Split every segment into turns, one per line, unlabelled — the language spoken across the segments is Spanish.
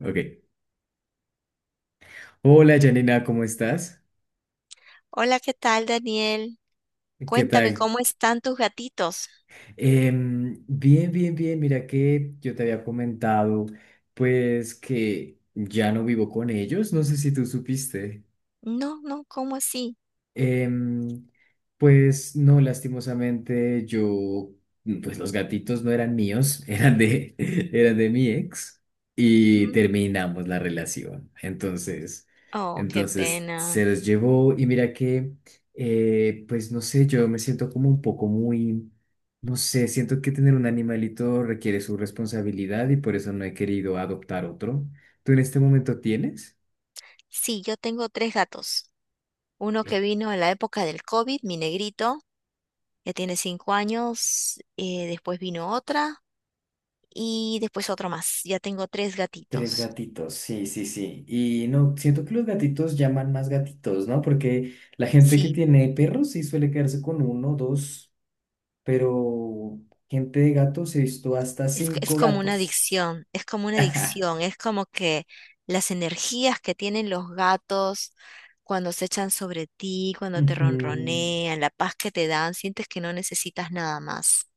Ok. Hola Janina, ¿cómo estás?
Hola, ¿qué tal, Daniel?
¿Qué
Cuéntame,
tal?
¿cómo están tus gatitos?
Bien, bien, bien. Mira que yo te había comentado, pues que ya no vivo con ellos. No sé si tú supiste.
No, no, ¿cómo así?
Em, pues no, lastimosamente yo, pues los gatitos no eran míos, eran de mi ex y
Ujú.
terminamos la relación. Entonces,
Oh, qué
entonces se
pena.
los llevó. Y mira que, pues no sé, yo me siento como un poco muy, no sé. Siento que tener un animalito requiere su responsabilidad y por eso no he querido adoptar otro. ¿Tú en este momento tienes?
Sí, yo tengo tres gatos. Uno que vino en la época del COVID, mi negrito, ya tiene cinco años. Después vino otra y después otro más. Ya tengo tres
Tres
gatitos.
gatitos, sí, sí, sí. Y no, siento que los gatitos llaman más gatitos, ¿no? Porque la gente que
Sí.
tiene perros sí suele quedarse con uno, dos, pero gente de gatos he visto hasta
Es
cinco
como una
gatos.
adicción, es como una adicción, es como que las energías que tienen los gatos cuando se echan sobre ti, cuando te
Ujú.
ronronean, la paz que te dan, sientes que no necesitas nada más.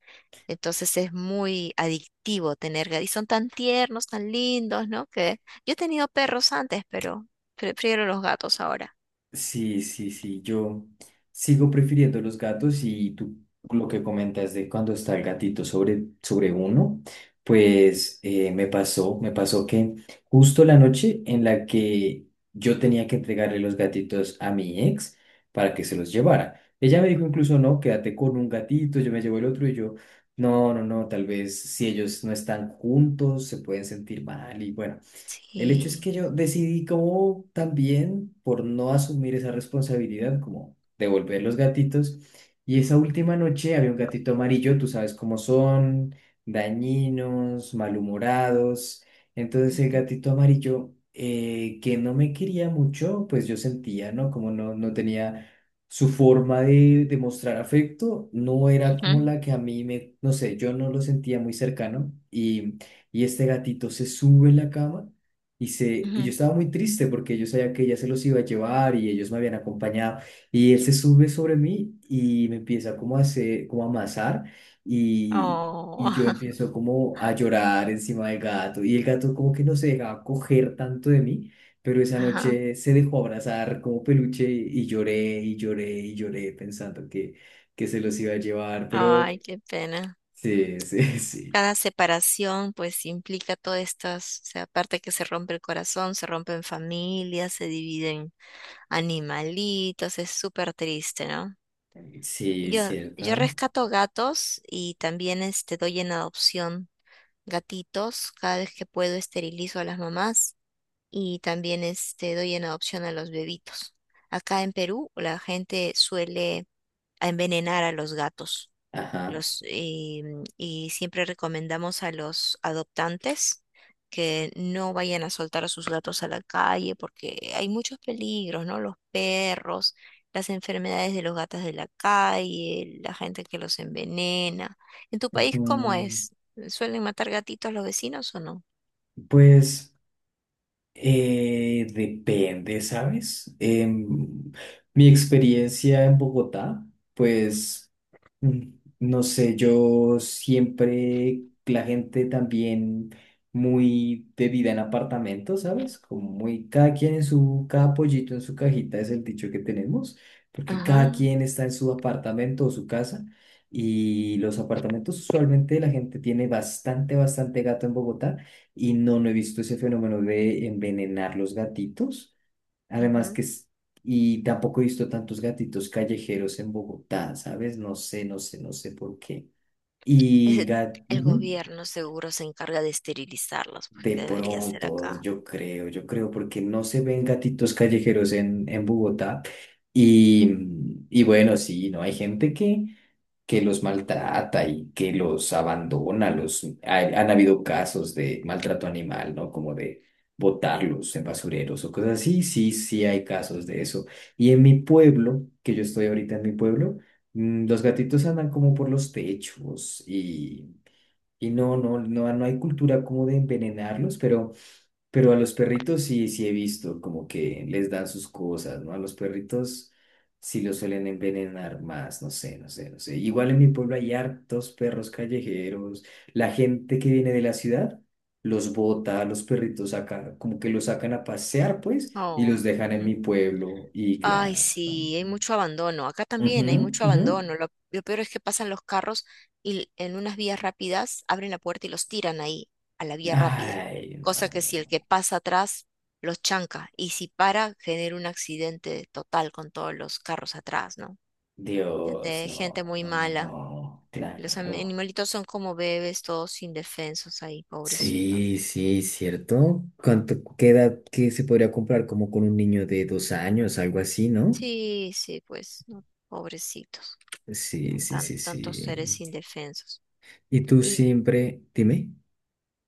Entonces es muy adictivo tener gatos. Y son tan tiernos, tan lindos, ¿no? Que yo he tenido perros antes, pero prefiero los gatos ahora.
Sí, sí, sí, yo sigo prefiriendo los gatos. Y tú lo que comentas de cuando está el gatito sobre uno, pues me pasó que justo la noche en la que yo tenía que entregarle los gatitos a mi ex para que se los llevara, ella me dijo, incluso, no, quédate con un gatito, yo me llevo el otro. Y yo, no, no, no, tal vez si ellos no están juntos se pueden sentir mal. Y bueno, el hecho es
Sí.
que yo decidí, como también por no asumir esa responsabilidad, como devolver los gatitos. Y esa última noche había un gatito amarillo. Tú sabes cómo son, dañinos, malhumorados. Entonces el
Ujú,
gatito amarillo, que no me quería mucho, pues yo sentía, ¿no? Como no, no tenía su de mostrar afecto. No era como
ujú,
la que a mí me, no sé, yo no lo sentía muy cercano. Y este gatito se sube en la cama. Y, se, y yo
ujú.
estaba muy triste porque yo sabía que ella se los iba a llevar y ellos me habían acompañado. Y él se sube sobre mí y me empieza como a hacer, como a amasar. Y, y yo
Oh.
empiezo como a llorar encima del gato. Y el gato como que no se dejaba coger tanto de mí, pero esa
Ajá.
noche se dejó abrazar como peluche. Y lloré y lloré y lloré pensando que se los iba a llevar.
Ay,
Pero
qué pena.
sí, sí, sí.
Cada separación pues implica todas estas, o sea, aparte que se rompe el corazón, se rompen familias, se dividen animalitos, es súper triste, ¿no?
Sí,
Yo
cierto.
rescato gatos y también este, doy en adopción gatitos, cada vez que puedo esterilizo a las mamás y también este, doy en adopción a los bebitos. Acá en Perú la gente suele a envenenar a los gatos.
Ajá.
Los, y, y siempre recomendamos a los adoptantes que no vayan a soltar a sus gatos a la calle porque hay muchos peligros, ¿no? Los perros, las enfermedades de los gatos de la calle, la gente que los envenena. ¿En tu país cómo
Ujú.
es? ¿Suelen matar gatitos los vecinos o no?
Pues... depende, ¿sabes? Mi experiencia en Bogotá, pues... Mm, no sé, yo siempre, la gente también muy de vida en apartamento, ¿sabes? Como muy, cada quien en su, cada pollito en su cajita es el dicho que tenemos, porque
Ajá,
cada quien está en su apartamento o su casa, y los apartamentos, usualmente la gente tiene bastante, bastante gato en Bogotá, y no, no he visto ese fenómeno de envenenar los gatitos. Además
ujú.
que es, y tampoco he visto tantos gatitos callejeros en Bogotá, ¿sabes? No sé, no sé, no sé por qué. Y
Ese-
gat-
el
ujú,
gobierno seguro se encarga de esterilizarlos, pues
de
que debería ser
pronto,
acá.
yo creo, porque no se ven gatitos callejeros en Bogotá. Y, y bueno, sí, ¿no? Hay gente que los maltrata y que los abandona. Los, hay- han habido casos de maltrato animal, ¿no? Como de botarlos en basureros o cosas así. Sí, sí hay casos de eso. Y en mi pueblo, que yo estoy ahorita en mi pueblo, mm, los gatitos andan como por los techos. Y, y no, no, no, no hay cultura como de envenenarlos, pero... Pero a los perritos sí, sí he visto como que les dan sus cosas, ¿no? A los perritos sí los suelen envenenar más, no sé, no sé, no sé. Igual en mi pueblo hay hartos perros callejeros. La gente que viene de la ciudad los bota. A los perritos sacan, como que los sacan a pasear, pues, y
Oh.
los dejan en mi pueblo. Y
Ay,
claro.
sí, hay mucho abandono. Acá
Ujú,
también hay mucho
ujú.
abandono. Lo peor es que pasan los carros en unas vías rápidas abren la puerta y los tiran ahí, a la vía rápida.
Ay,
Cosa que si el
no.
que pasa atrás los chanca y si para, genera un accidente total con todos los carros atrás, ¿no?
Dios,
Gente, gente
no,
muy
no, no,
mala.
no.
Los
Claro.
animalitos son como bebés, todos indefensos ahí, pobrecitos.
Sí, sí, cierto. ¿Cuánto, qué edad? Que se podría comprar como con un niño de dos años, algo así, ¿no?
Sí, sí, pues, no, pobrecitos.
Sí,
Son
sí, sí,
tantos seres
sí.
indefensos.
Y tú siempre, dime,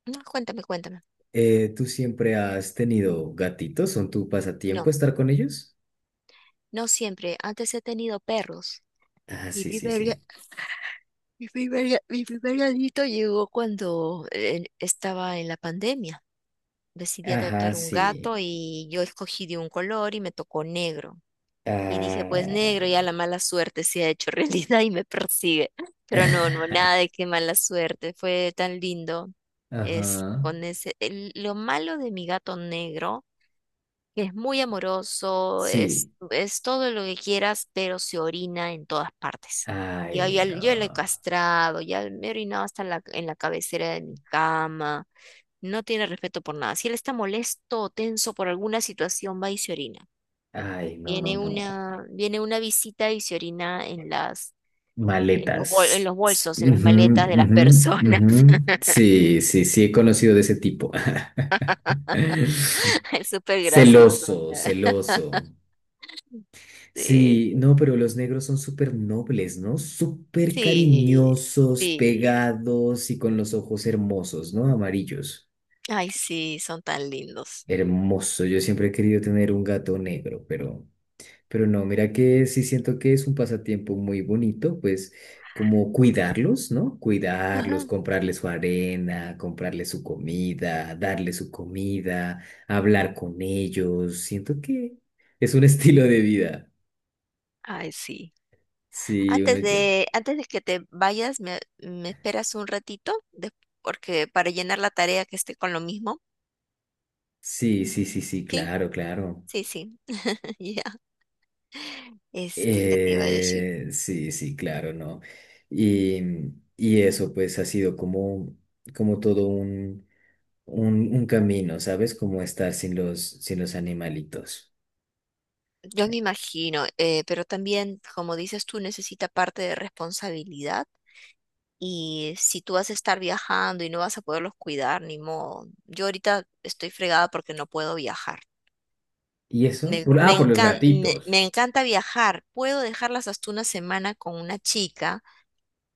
No, cuéntame, cuéntame.
¿tú siempre has tenido gatitos? ¿Son tu
No,
pasatiempo estar con ellos?
no siempre. Antes he tenido perros.
Ah,
Mi
sí, sí,
primer, ga-
sí.
mi primer gatito llegó cuando estaba en la pandemia. Decidí
Ajá,
adoptar un
sí.
gato y yo escogí de un color y me tocó negro. Y dije, pues negro,
Ah.
ya la mala suerte se ha hecho realidad y me persigue. Pero no, no, nada de qué mala suerte. Fue tan lindo. Es
Ajá.
con ese, el- Lo malo de mi gato negro. Es muy amoroso, es,
Sí.
es todo lo que quieras, pero se orina en todas partes. Yo
Ay,
ya, yo lo he
no.
castrado, ya me he orinado hasta en la cabecera de mi cama. No tiene respeto por nada. Si él está molesto o tenso por alguna situación, va y se orina.
Ay, no, no,
Viene
no.
una, viene una visita y se orina en las, en
Maletas.
los bolsos, en las
Ujú,
maletas de las
ujú,
personas.
ujú. Sí, sí, sí, he conocido de ese tipo.
Es súper gracioso.
Celoso,
¿Verdad?
celoso.
Sí,
Sí, no, pero los negros son súper nobles, ¿no? Súper
sí,
cariñosos,
sí.
pegados y con los ojos hermosos, ¿no? Amarillos.
Ay, sí, son tan lindos.
Hermoso. Yo siempre he querido tener un gato negro, pero... Pero no, mira que sí siento que es un pasatiempo muy bonito. Pues como cuidarlos, ¿no? Cuidarlos,
Ajá.
comprarles su arena, comprarles su comida, darles su comida, hablar con ellos. Siento que es un estilo de vida.
Ay, sí.
Sí, uno
Antes
ya.
de, antes de que te vayas, me esperas un ratito, de- porque para llenar la tarea que esté con lo mismo.
Sí, sí, sí, sí,
Sí,
claro, claro.
sí, sí. Ya. Este, ¿qué te iba a decir?
Sí, sí, claro, ¿no? Y, y eso pues ha sido como, como todo un camino, ¿sabes? Como estar sin los, sin los animalitos.
Yo me imagino, pero también, como dices tú, necesita parte de responsabilidad. Y si tú vas a estar viajando y no vas a poderlos cuidar, ni modo. Yo ahorita estoy fregada porque no puedo viajar.
¿Y eso?
Me,
Por- ah,
me
por los
encan- me-
gatitos.
me encanta viajar. Puedo dejarlas hasta una semana con una chica.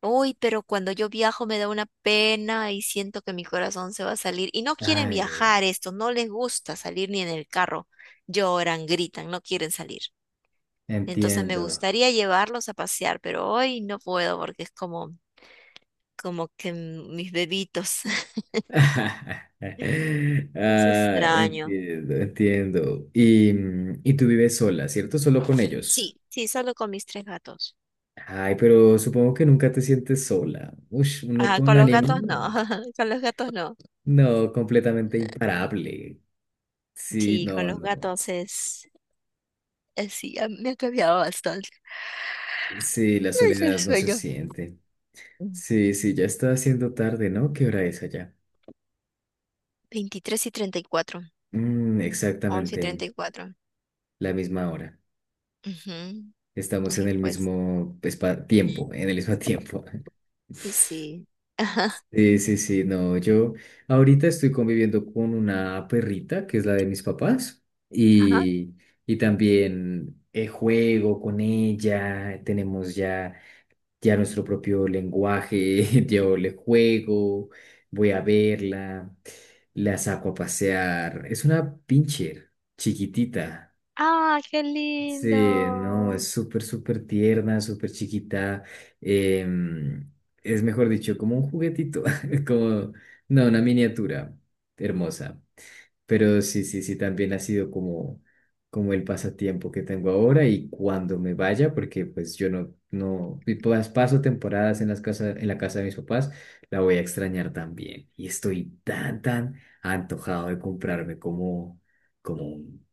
Uy, pero cuando yo viajo me da una pena y siento que mi corazón se va a salir. Y no quieren
Ay,
viajar estos, no les gusta salir ni en el carro. Lloran, gritan, no quieren salir. Entonces me
entiendo.
gustaría llevarlos a pasear, pero hoy no puedo porque es como que mis bebitos. Los
Ah,
extraño.
entiendo, entiendo. Y, mm, y tú vives sola, ¿cierto? Solo con ellos.
Sí, sí, solo con mis tres gatos.
Ay, pero supongo que nunca te sientes sola. Ush, uno
Ah,
con
con los gatos no,
ánimo.
con los gatos no.
No, completamente imparable. Sí,
Sí, con
no,
los
no.
gatos es, sí, me ha cambiado bastante.
Sí, la
Ay, ya el
soledad no se
sueño.
siente.
Mm.
Sí, sí, ya está haciendo tarde, ¿no? ¿Qué hora es allá?
23 y treinta y cuatro.
Mm,
once
exactamente
y 34.
la misma hora.
Ujú.
Estamos en
Sí,
el
pues,
mismo espa- tiempo, en el mismo tiempo.
y sí.
Sí, sí, sí, no, yo ahorita estoy conviviendo con una perrita que es la de mis papás.
Ajá.
Y, y también juego con ella. Tenemos ya ya nuestro propio lenguaje. Yo le juego, voy a verla, la saco a pasear. Es una pincher chiquitita.
Ah, qué
Sí, no, es
lindo.
súper, súper tierna, súper chiquita. em, es mejor dicho, como un juguetito, como, no, una miniatura hermosa. Pero sí, sí, sí, también ha sido como, como el pasatiempo que tengo ahora. Y cuando me vaya, porque pues yo no, no, y pas- paso temporadas en las casas, en la casa de mis papás, la voy a extrañar también. Y estoy tan, tan antojado de comprarme como, como un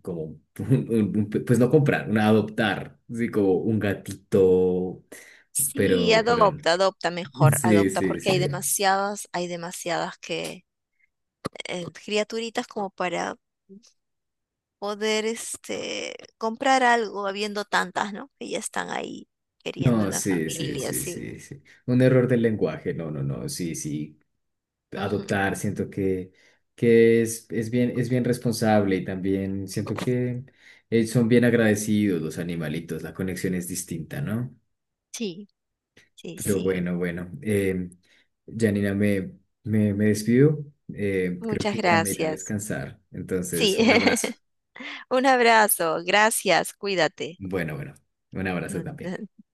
como, pues no comprar, una adoptar, sí, como un gatito,
Sí,
pero, no.
adopta, adopta mejor,
Sí,
adopta
sí,
porque
sí.
hay demasiadas que criaturitas como para poder este comprar algo, habiendo tantas, ¿no? Que ya están ahí queriendo
No,
una
sí, sí,
familia,
sí,
sí.
sí, sí. Un error del lenguaje, no, no, no, sí, sí.
Ujú.
Adoptar, siento que es bien responsable. Y también siento que son bien agradecidos los animalitos. La conexión es distinta, ¿no?
Sí, sí,
Pero
sí.
bueno, bueno. Janina, me despido. Creo
Muchas
que ya me iré a
gracias.
descansar. Entonces,
Sí.
un abrazo.
Un abrazo. Gracias. Cuídate.
Bueno, bueno. Un abrazo también.